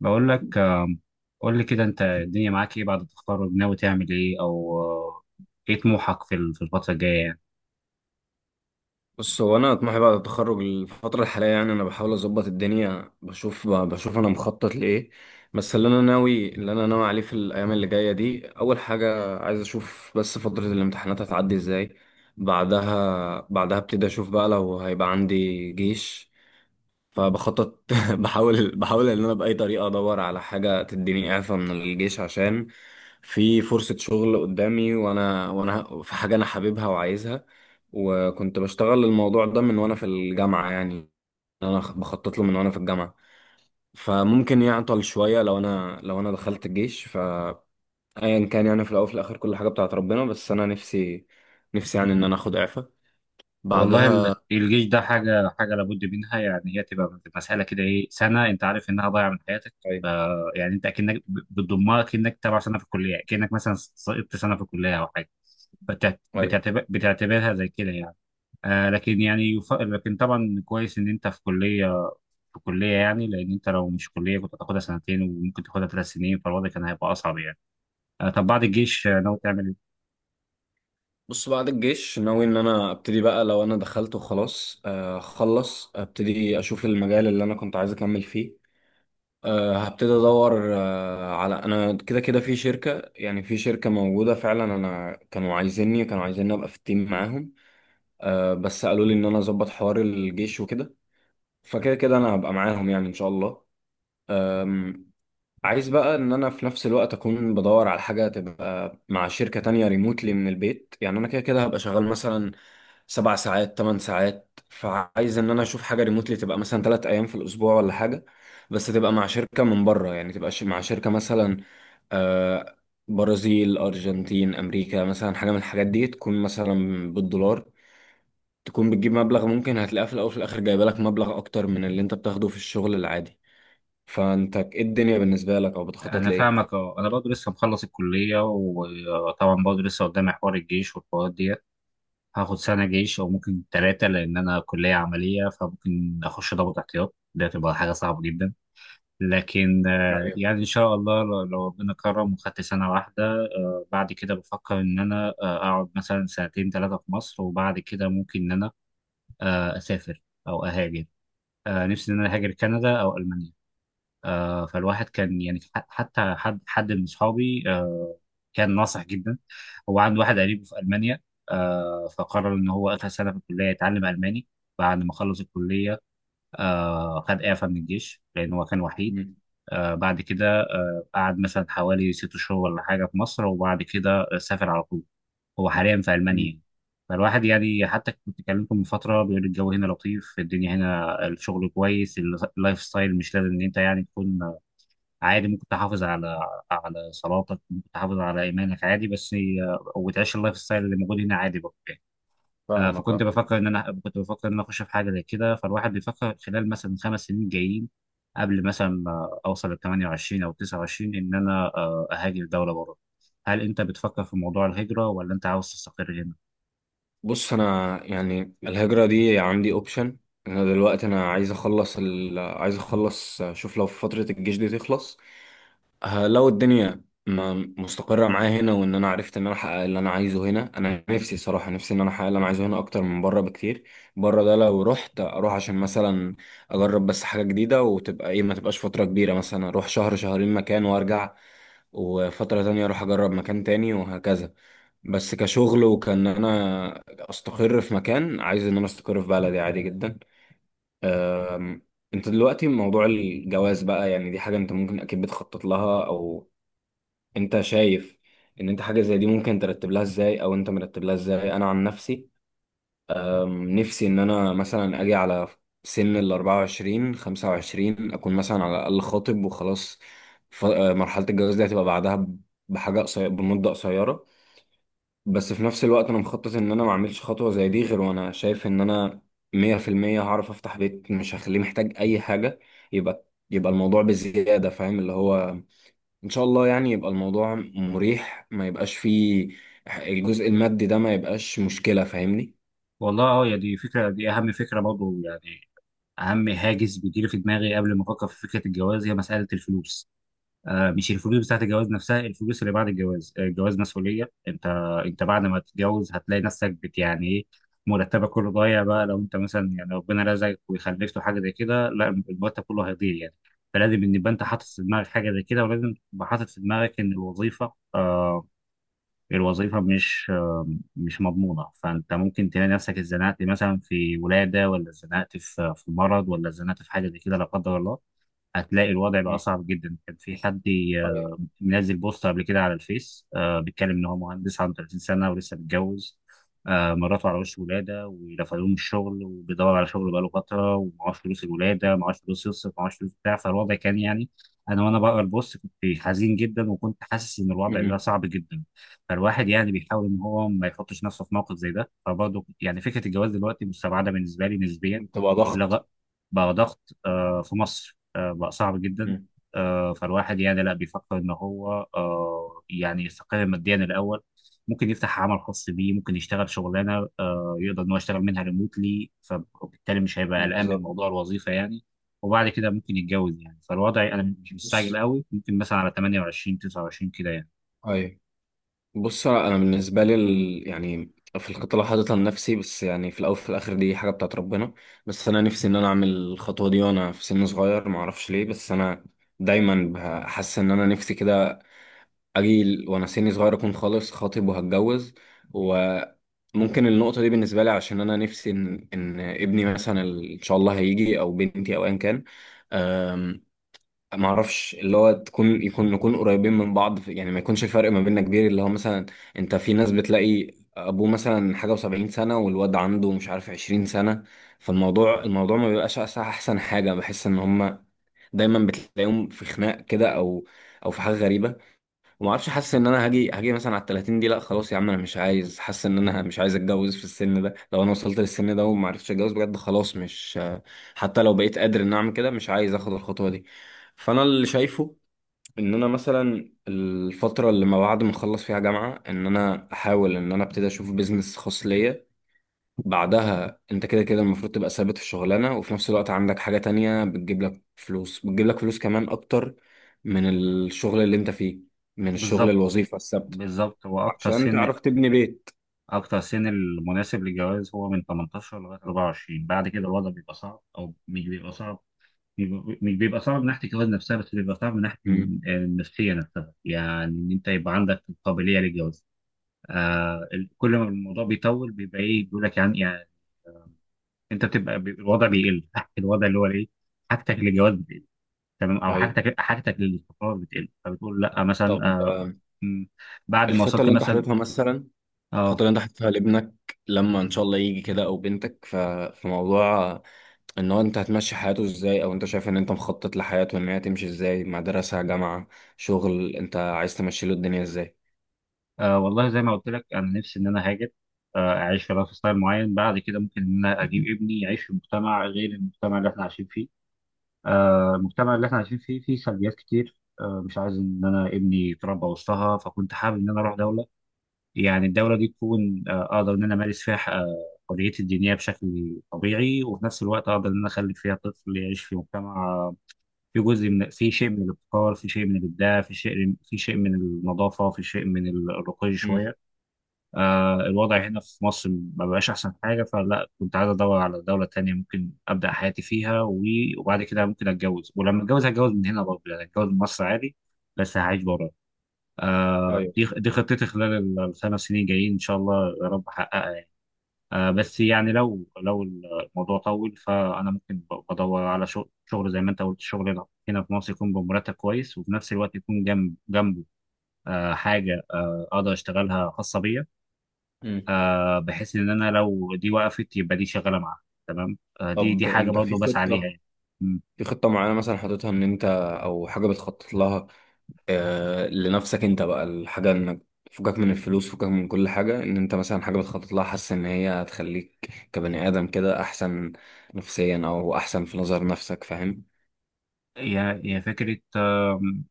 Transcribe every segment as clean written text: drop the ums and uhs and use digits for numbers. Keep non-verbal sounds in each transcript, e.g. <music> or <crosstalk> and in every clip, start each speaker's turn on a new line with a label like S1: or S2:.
S1: بقول لك قول لي كده انت الدنيا معاك ايه بعد التخرج؟ ناوي تعمل ايه؟ او آه، ايه طموحك في في الفترة الجاية يعني؟
S2: بص، هو انا طموحي بعد التخرج الفتره الحاليه، يعني انا بحاول اظبط الدنيا، بشوف بشوف انا مخطط لايه. بس اللي انا ناوي عليه في الايام اللي جايه دي، اول حاجه عايز اشوف بس فتره الامتحانات هتعدي ازاي. بعدها ابتدي اشوف بقى لو هيبقى عندي جيش. فبخطط <laughs> بحاول ان انا باي طريقه ادور على حاجه تديني اعفاء من الجيش، عشان في فرصه شغل قدامي، وانا في حاجه انا حاببها وعايزها. وكنت بشتغل الموضوع ده من وانا في الجامعه، يعني انا بخطط له من وانا في الجامعه. فممكن يعطل شويه لو انا دخلت الجيش، فايا كان، يعني في الاول وفي الاخر كل حاجه بتاعت ربنا، بس انا نفسي يعني ان انا اخد اعفاء
S1: والله
S2: بعدها.
S1: الجيش ده حاجة حاجة لابد منها. يعني هي تبقى مسألة كده، ايه، سنة انت عارف انها ضايعة من حياتك. ف- يعني انت اكنك بتضمها، كأنك تبع سنة في الكلية، كأنك مثلا سقطت سنة في الكلية او حاجة،
S2: ايوه،
S1: فبتعتبرها زي كده يعني. لكن يعني لكن طبعا كويس ان انت في كلية، في كلية، يعني، لأن أنت لو مش كلية كنت هتاخدها سنتين وممكن تاخدها ثلاث سنين، فالوضع كان هيبقى أصعب يعني. طب بعد الجيش ناوي تعمل إيه؟
S2: بص، بعد الجيش ناوي ان انا ابتدي بقى، لو انا دخلت وخلاص اخلص ابتدي اشوف المجال اللي انا كنت عايز اكمل فيه. هبتدي ادور على، انا كده كده في شركة، يعني في شركة موجودة فعلا، انا كانوا عايزيني ابقى في التيم معاهم. بس قالوا لي ان انا اظبط حوار الجيش وكده. فكده كده انا هبقى معاهم يعني ان شاء الله. عايز بقى ان انا في نفس الوقت اكون بدور على حاجه تبقى مع شركه تانية ريموتلي من البيت، يعني انا كده كده هبقى شغال مثلا 7 ساعات 8 ساعات، فعايز ان انا اشوف حاجه ريموتلي، تبقى مثلا 3 ايام في الاسبوع ولا حاجه. بس تبقى مع شركه من بره، يعني تبقى مع شركه مثلا، آه، برازيل، ارجنتين، امريكا، مثلا حاجه من الحاجات دي تكون مثلا بالدولار، تكون بتجيب مبلغ، ممكن هتلاقيه في الاول وفي الاخر جايبه لك مبلغ اكتر من اللي انت بتاخده في الشغل العادي. فانت ايه الدنيا بالنسبه لك، او بتخطط
S1: أنا
S2: لايه؟
S1: فاهمك. أه، أنا برضه لسه مخلص الكلية، وطبعا برضه لسه قدامي حوار الجيش والحوارات دي. هاخد سنة جيش أو ممكن ثلاثة، لأن أنا كلية عملية، فممكن أخش ضابط احتياط، ده تبقى حاجة صعبة جدا. لكن
S2: أيوة.
S1: يعني إن شاء الله لو ربنا كرم وخدت سنة واحدة، بعد كده بفكر إن أنا أقعد مثلا سنتين ثلاثة في مصر، وبعد كده ممكن إن أنا اسافر او اهاجر. نفسي ان انا اهاجر كندا او المانيا. فالواحد كان يعني حتى حد من اصحابي كان ناصح جدا. هو عنده واحد قريبه في المانيا، فقرر ان هو اخر سنه في الكليه يتعلم الماني. بعد ما خلص الكليه خد اعفاء من الجيش لان هو كان وحيد.
S2: مم.
S1: بعد كده قعد مثلا حوالي ست شهور ولا حاجه في مصر، وبعد كده سافر على طول. هو حاليا في
S2: مم.
S1: المانيا. فالواحد يعني حتى كنت كلمته من فتره، بيقول الجو هنا لطيف، الدنيا هنا الشغل كويس، اللايف ستايل مش لازم ان انت يعني تكون، عادي، ممكن تحافظ على على صلاتك، ممكن تحافظ على ايمانك عادي، بس وتعيش اللايف ستايل اللي موجود هنا عادي برضه يعني.
S2: فاهمك
S1: فكنت
S2: اه.
S1: بفكر ان انا، كنت بفكر ان انا اخش في حاجه زي كده، فالواحد بيفكر خلال مثلا خمس سنين جايين، قبل مثلا اوصل ل 28 او 29، ان انا اهاجر دوله بره. هل انت بتفكر في موضوع الهجره، ولا انت عاوز تستقر هنا؟
S2: بص، انا يعني الهجره دي عندي اوبشن. انا دلوقتي انا عايز اخلص عايز اخلص اشوف لو فتره الجيش دي تخلص. لو الدنيا ما مستقره معايا هنا وان انا عرفت ان انا احقق اللي انا عايزه هنا، انا نفسي صراحه نفسي ان انا احقق اللي انا عايزه هنا اكتر من بره بكتير. بره ده لو رحت اروح عشان مثلا اجرب بس حاجه جديده، وتبقى ايه، ما تبقاش فتره كبيره، مثلا اروح شهر شهرين مكان وارجع، وفتره تانية اروح اجرب مكان تاني وهكذا. بس كشغل وكان انا استقر في مكان، عايز ان انا استقر في بلدي عادي جدا. أم، انت دلوقتي موضوع الجواز بقى، يعني دي حاجة انت ممكن اكيد بتخطط لها، او انت شايف ان انت حاجة زي دي ممكن ترتب لها ازاي، او انت مرتب لها ازاي؟ انا عن نفسي، نفسي ان انا مثلا اجي على سن ال 24 25 اكون مثلا على الاقل خاطب وخلاص. مرحلة الجواز دي هتبقى بعدها بحاجة قصيرة، بمدة قصيرة. بس في نفس الوقت انا مخطط ان انا ما اعملش خطوه زي دي غير وانا شايف ان انا 100% هعرف افتح بيت، مش هخليه محتاج اي حاجه. يبقى يبقى الموضوع بزياده، فاهم اللي هو، ان شاء الله يعني يبقى الموضوع مريح، ما يبقاش فيه الجزء المادي ده، ما يبقاش مشكله، فاهمني؟
S1: والله اه، يا دي، فكرة دي أهم فكرة برضه يعني. أهم هاجس بيجيلي في دماغي قبل ما أفكر في فكرة الجواز هي مسألة الفلوس. آه، مش الفلوس بتاعت الجواز نفسها، الفلوس اللي بعد الجواز. الجواز مسؤولية. أنت أنت بعد ما تتجوز هتلاقي نفسك بت، يعني إيه، مرتبك كله ضايع. بقى لو أنت مثلا يعني ربنا رزقك وخلفت حاجة زي كده لا، المرتب كله هيضيع يعني. فلازم إن يبقى أنت حاطط في دماغك حاجة زي كده، ولازم تبقى حاطط في دماغك إن الوظيفة الوظيفة مش مش مضمونة. فأنت ممكن تلاقي نفسك اتزنقت مثلا في ولادة، ولا اتزنقت في في مرض، ولا اتزنقت في حاجة زي كده لا قدر الله، هتلاقي الوضع بقى
S2: مم.
S1: صعب جدا. كان في حد
S2: أيوة.
S1: منزل بوست قبل كده على الفيس، آه، بيتكلم ان هو مهندس عنده 30 سنه ولسه متجوز، آه، مراته على وش ولاده، ورفضوه من الشغل، وبيدور على شغل بقاله فتره، ومعهوش فلوس الولاده، معهوش فلوس يصرف، معهوش فلوس بتاع، فالوضع كان يعني، انا وانا بقرا البوست كنت حزين جدا، وكنت حاسس ان الوضع ده
S2: مم.
S1: صعب جدا. فالواحد يعني بيحاول ان هو ما يحطش نفسه في موقف زي ده، فبرضه يعني فكره الجواز دلوقتي مستبعده بالنسبه لي نسبيا.
S2: تبقى ضغط.
S1: لغ- بقى ضغط، في مصر بقى صعب جدا.
S2: مم.
S1: فالواحد يعني لا، بيفكر ان هو يعني يستقر ماديا الاول، ممكن يفتح عمل خاص بيه، ممكن يشتغل شغلانه يقدر ان هو يشتغل منها ريموتلي، فبالتالي مش هيبقى قلقان من
S2: بالظبط.
S1: موضوع الوظيفه يعني. وبعد كده ممكن يتجوز يعني. فالوضع انا مش مستعجل
S2: بص
S1: قوي، ممكن مثلا على 28 29 كده يعني.
S2: بص انا بالنسبه لي يعني في الخطه اللي حاططها لنفسي، بس يعني في الاول وفي الاخر دي حاجه بتاعت ربنا، بس انا نفسي ان انا اعمل الخطوه دي وانا في سن صغير، ما اعرفش ليه، بس انا دايما بحس ان انا نفسي كده اجي وانا سني صغير اكون خالص خاطب وهتجوز. وممكن النقطه دي بالنسبه لي عشان انا نفسي إن ابني مثلا ان شاء الله هيجي، او بنتي او ايا كان، ما اعرفش، اللي هو تكون يكون نكون قريبين من بعض في، يعني ما يكونش الفرق ما بيننا كبير، اللي هو مثلا انت في ناس بتلاقي ابوه مثلا حاجه و70 سنه والواد عنده مش عارف 20 سنه. فالموضوع ما بيبقاش احسن حاجه، بحس ان هم دايما بتلاقيهم في خناق كده، او في حاجه غريبه. وما اعرفش، حاسس ان انا هاجي مثلا على ال 30، دي لا خلاص يا عم انا مش عايز، حاسس ان انا مش عايز اتجوز في السن ده، لو انا وصلت للسن ده وما عرفتش اتجوز بجد خلاص مش، حتى لو بقيت قادر ان اعمل كده مش عايز اخد الخطوة دي. فانا اللي شايفه ان انا مثلا الفترة اللي ما بعد ما اخلص فيها جامعة، ان انا احاول ان انا ابتدي اشوف بيزنس خاص ليا. بعدها انت كده كده المفروض تبقى ثابت في شغلانة، وفي نفس الوقت عندك حاجة تانية بتجيب لك فلوس كمان اكتر من الشغل اللي انت فيه، من الشغل،
S1: بالظبط.
S2: الوظيفة الثابتة،
S1: بالظبط هو اكتر
S2: عشان
S1: سن،
S2: تعرف تبني بيت.
S1: اكتر سن المناسب للجواز هو من 18 لغايه 24. بعد كده الوضع بيبقى صعب، او مش بيبقى صعب، مش بيبقى صعب من ناحيه الجواز نفسها، بس بيبقى صعب من ناحيه
S2: امم.
S1: النفسيه نفسها يعني، ان انت يبقى عندك القابليه للجواز. آه كل ما الموضوع بيطول بيبقى ايه بيقول لك يعني، انت بتبقى الوضع بيقل <laughs> الوضع اللي هو ايه، حاجتك للجواز بتقل، تمام، او
S2: ايوه.
S1: حاجتك حاجتك للاستقرار بتقل، فبتقول لا مثلا.
S2: طب
S1: آه م، بعد ما
S2: الخطة
S1: وصلت
S2: اللي انت
S1: مثلا،
S2: حاططها مثلا، الخطة
S1: اه,
S2: اللي انت حاططها لابنك لما ان شاء الله يجي كده، او بنتك، في موضوع ان هو انت هتمشي حياته ازاي، او انت شايف ان انت مخطط لحياته ان هي تمشي ازاي، مدرسة، جامعة، شغل، انت عايز تمشي له الدنيا ازاي؟
S1: والله زي ما قلت لك، انا نفسي ان انا هاجر، اعيش في لايف ستايل معين، بعد كده ممكن ان انا اجيب ابني يعيش في مجتمع غير المجتمع اللي احنا عايشين فيه. المجتمع اللي احنا عايشين فيه، فيه سلبيات كتير، مش عايز ان انا ابني يتربى وسطها، فكنت حابب ان انا اروح دوله، يعني الدوله دي تكون اقدر ان انا امارس فيها حريتي الدينيه بشكل طبيعي، وفي نفس الوقت اقدر ان انا اخلي فيها طفل يعيش في مجتمع، في جزء من، في شيء من الابتكار، في شيء من الابداع، في شيء، في شيء من النظافه، في شيء من الرقي
S2: امم.
S1: شويه. الوضع هنا في مصر ما بقاش أحسن حاجة، فلا كنت عايز أدور على دولة تانية ممكن أبدأ حياتي فيها، وبعد كده ممكن أتجوز، ولما أتجوز هتجوز من هنا برضه يعني، أتجوز من مصر عادي بس هعيش بره. دي خطتي خلال الخمس سنين جايين، إن شاء الله يا رب أحققها يعني. بس يعني لو الموضوع طول، فأنا ممكن بدور على شغل، شغل زي ما أنت قلت، شغل هنا في مصر يكون بمرتب كويس، وفي نفس الوقت يكون جنب جنبه حاجة أقدر أشتغلها خاصة بيا،
S2: مم.
S1: آه، بحيث ان انا لو دي وقفت يبقى دي شغاله معاها تمام. آه، دي
S2: طب
S1: حاجه
S2: انت
S1: برضه بس عليها يعني. مم.
S2: في خطة معينة مثلا حاططها ان انت، او حاجة بتخطط لها لنفسك انت بقى، الحاجة انك فكك من الفلوس، فكك من كل حاجة، ان انت مثلا حاجة بتخطط لها حاسس ان هي هتخليك كبني ادم كده احسن نفسيا، او احسن في نظر نفسك، فاهم؟
S1: هي فكره.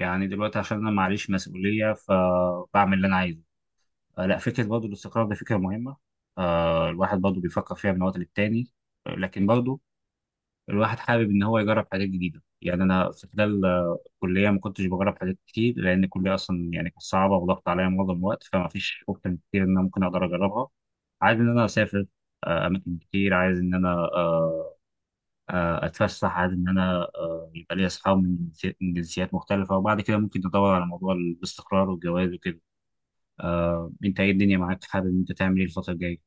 S1: يعني دلوقتي عشان انا معليش مسؤوليه فبعمل اللي انا عايزه. آه، لا، فكره برضه الاستقرار ده فكره مهمه، آه، الواحد برضه بيفكر فيها من وقت للتاني. لكن برضه الواحد حابب ان هو يجرب حاجات جديده يعني. انا في خلال الكليه ما كنتش بجرب حاجات كتير، لان الكليه اصلا يعني كانت صعبه وضغط عليا معظم الوقت، فما فيش اوبشن كتير ان انا ممكن اقدر اجربها. عايز ان انا اسافر اماكن كتير، عايز ان انا آه، اتفسح، عايز ان انا يبقى لي اصحاب من من جنسيات مختلفه، وبعد كده ممكن ندور على موضوع الاستقرار والجواز وكده. انت ايه الدنيا معاك؟ حابب ان انت تعمل ايه الفتره الجايه؟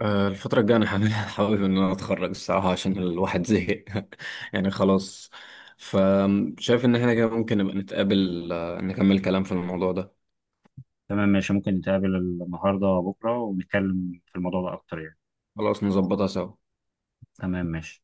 S2: الفترة الجاية انا حابب <laughs> حابب ان انا اتخرج الصراحة، عشان الواحد زهق. <laughs> يعني خلاص. فشايف ان احنا كده ممكن نبقى نتقابل، نكمل كلام في الموضوع ده.
S1: تمام، ماشي. ممكن نتقابل النهارده وبكره ونتكلم في الموضوع ده اكتر يعني.
S2: خلاص، نظبطها سوا.
S1: تمام ماشي.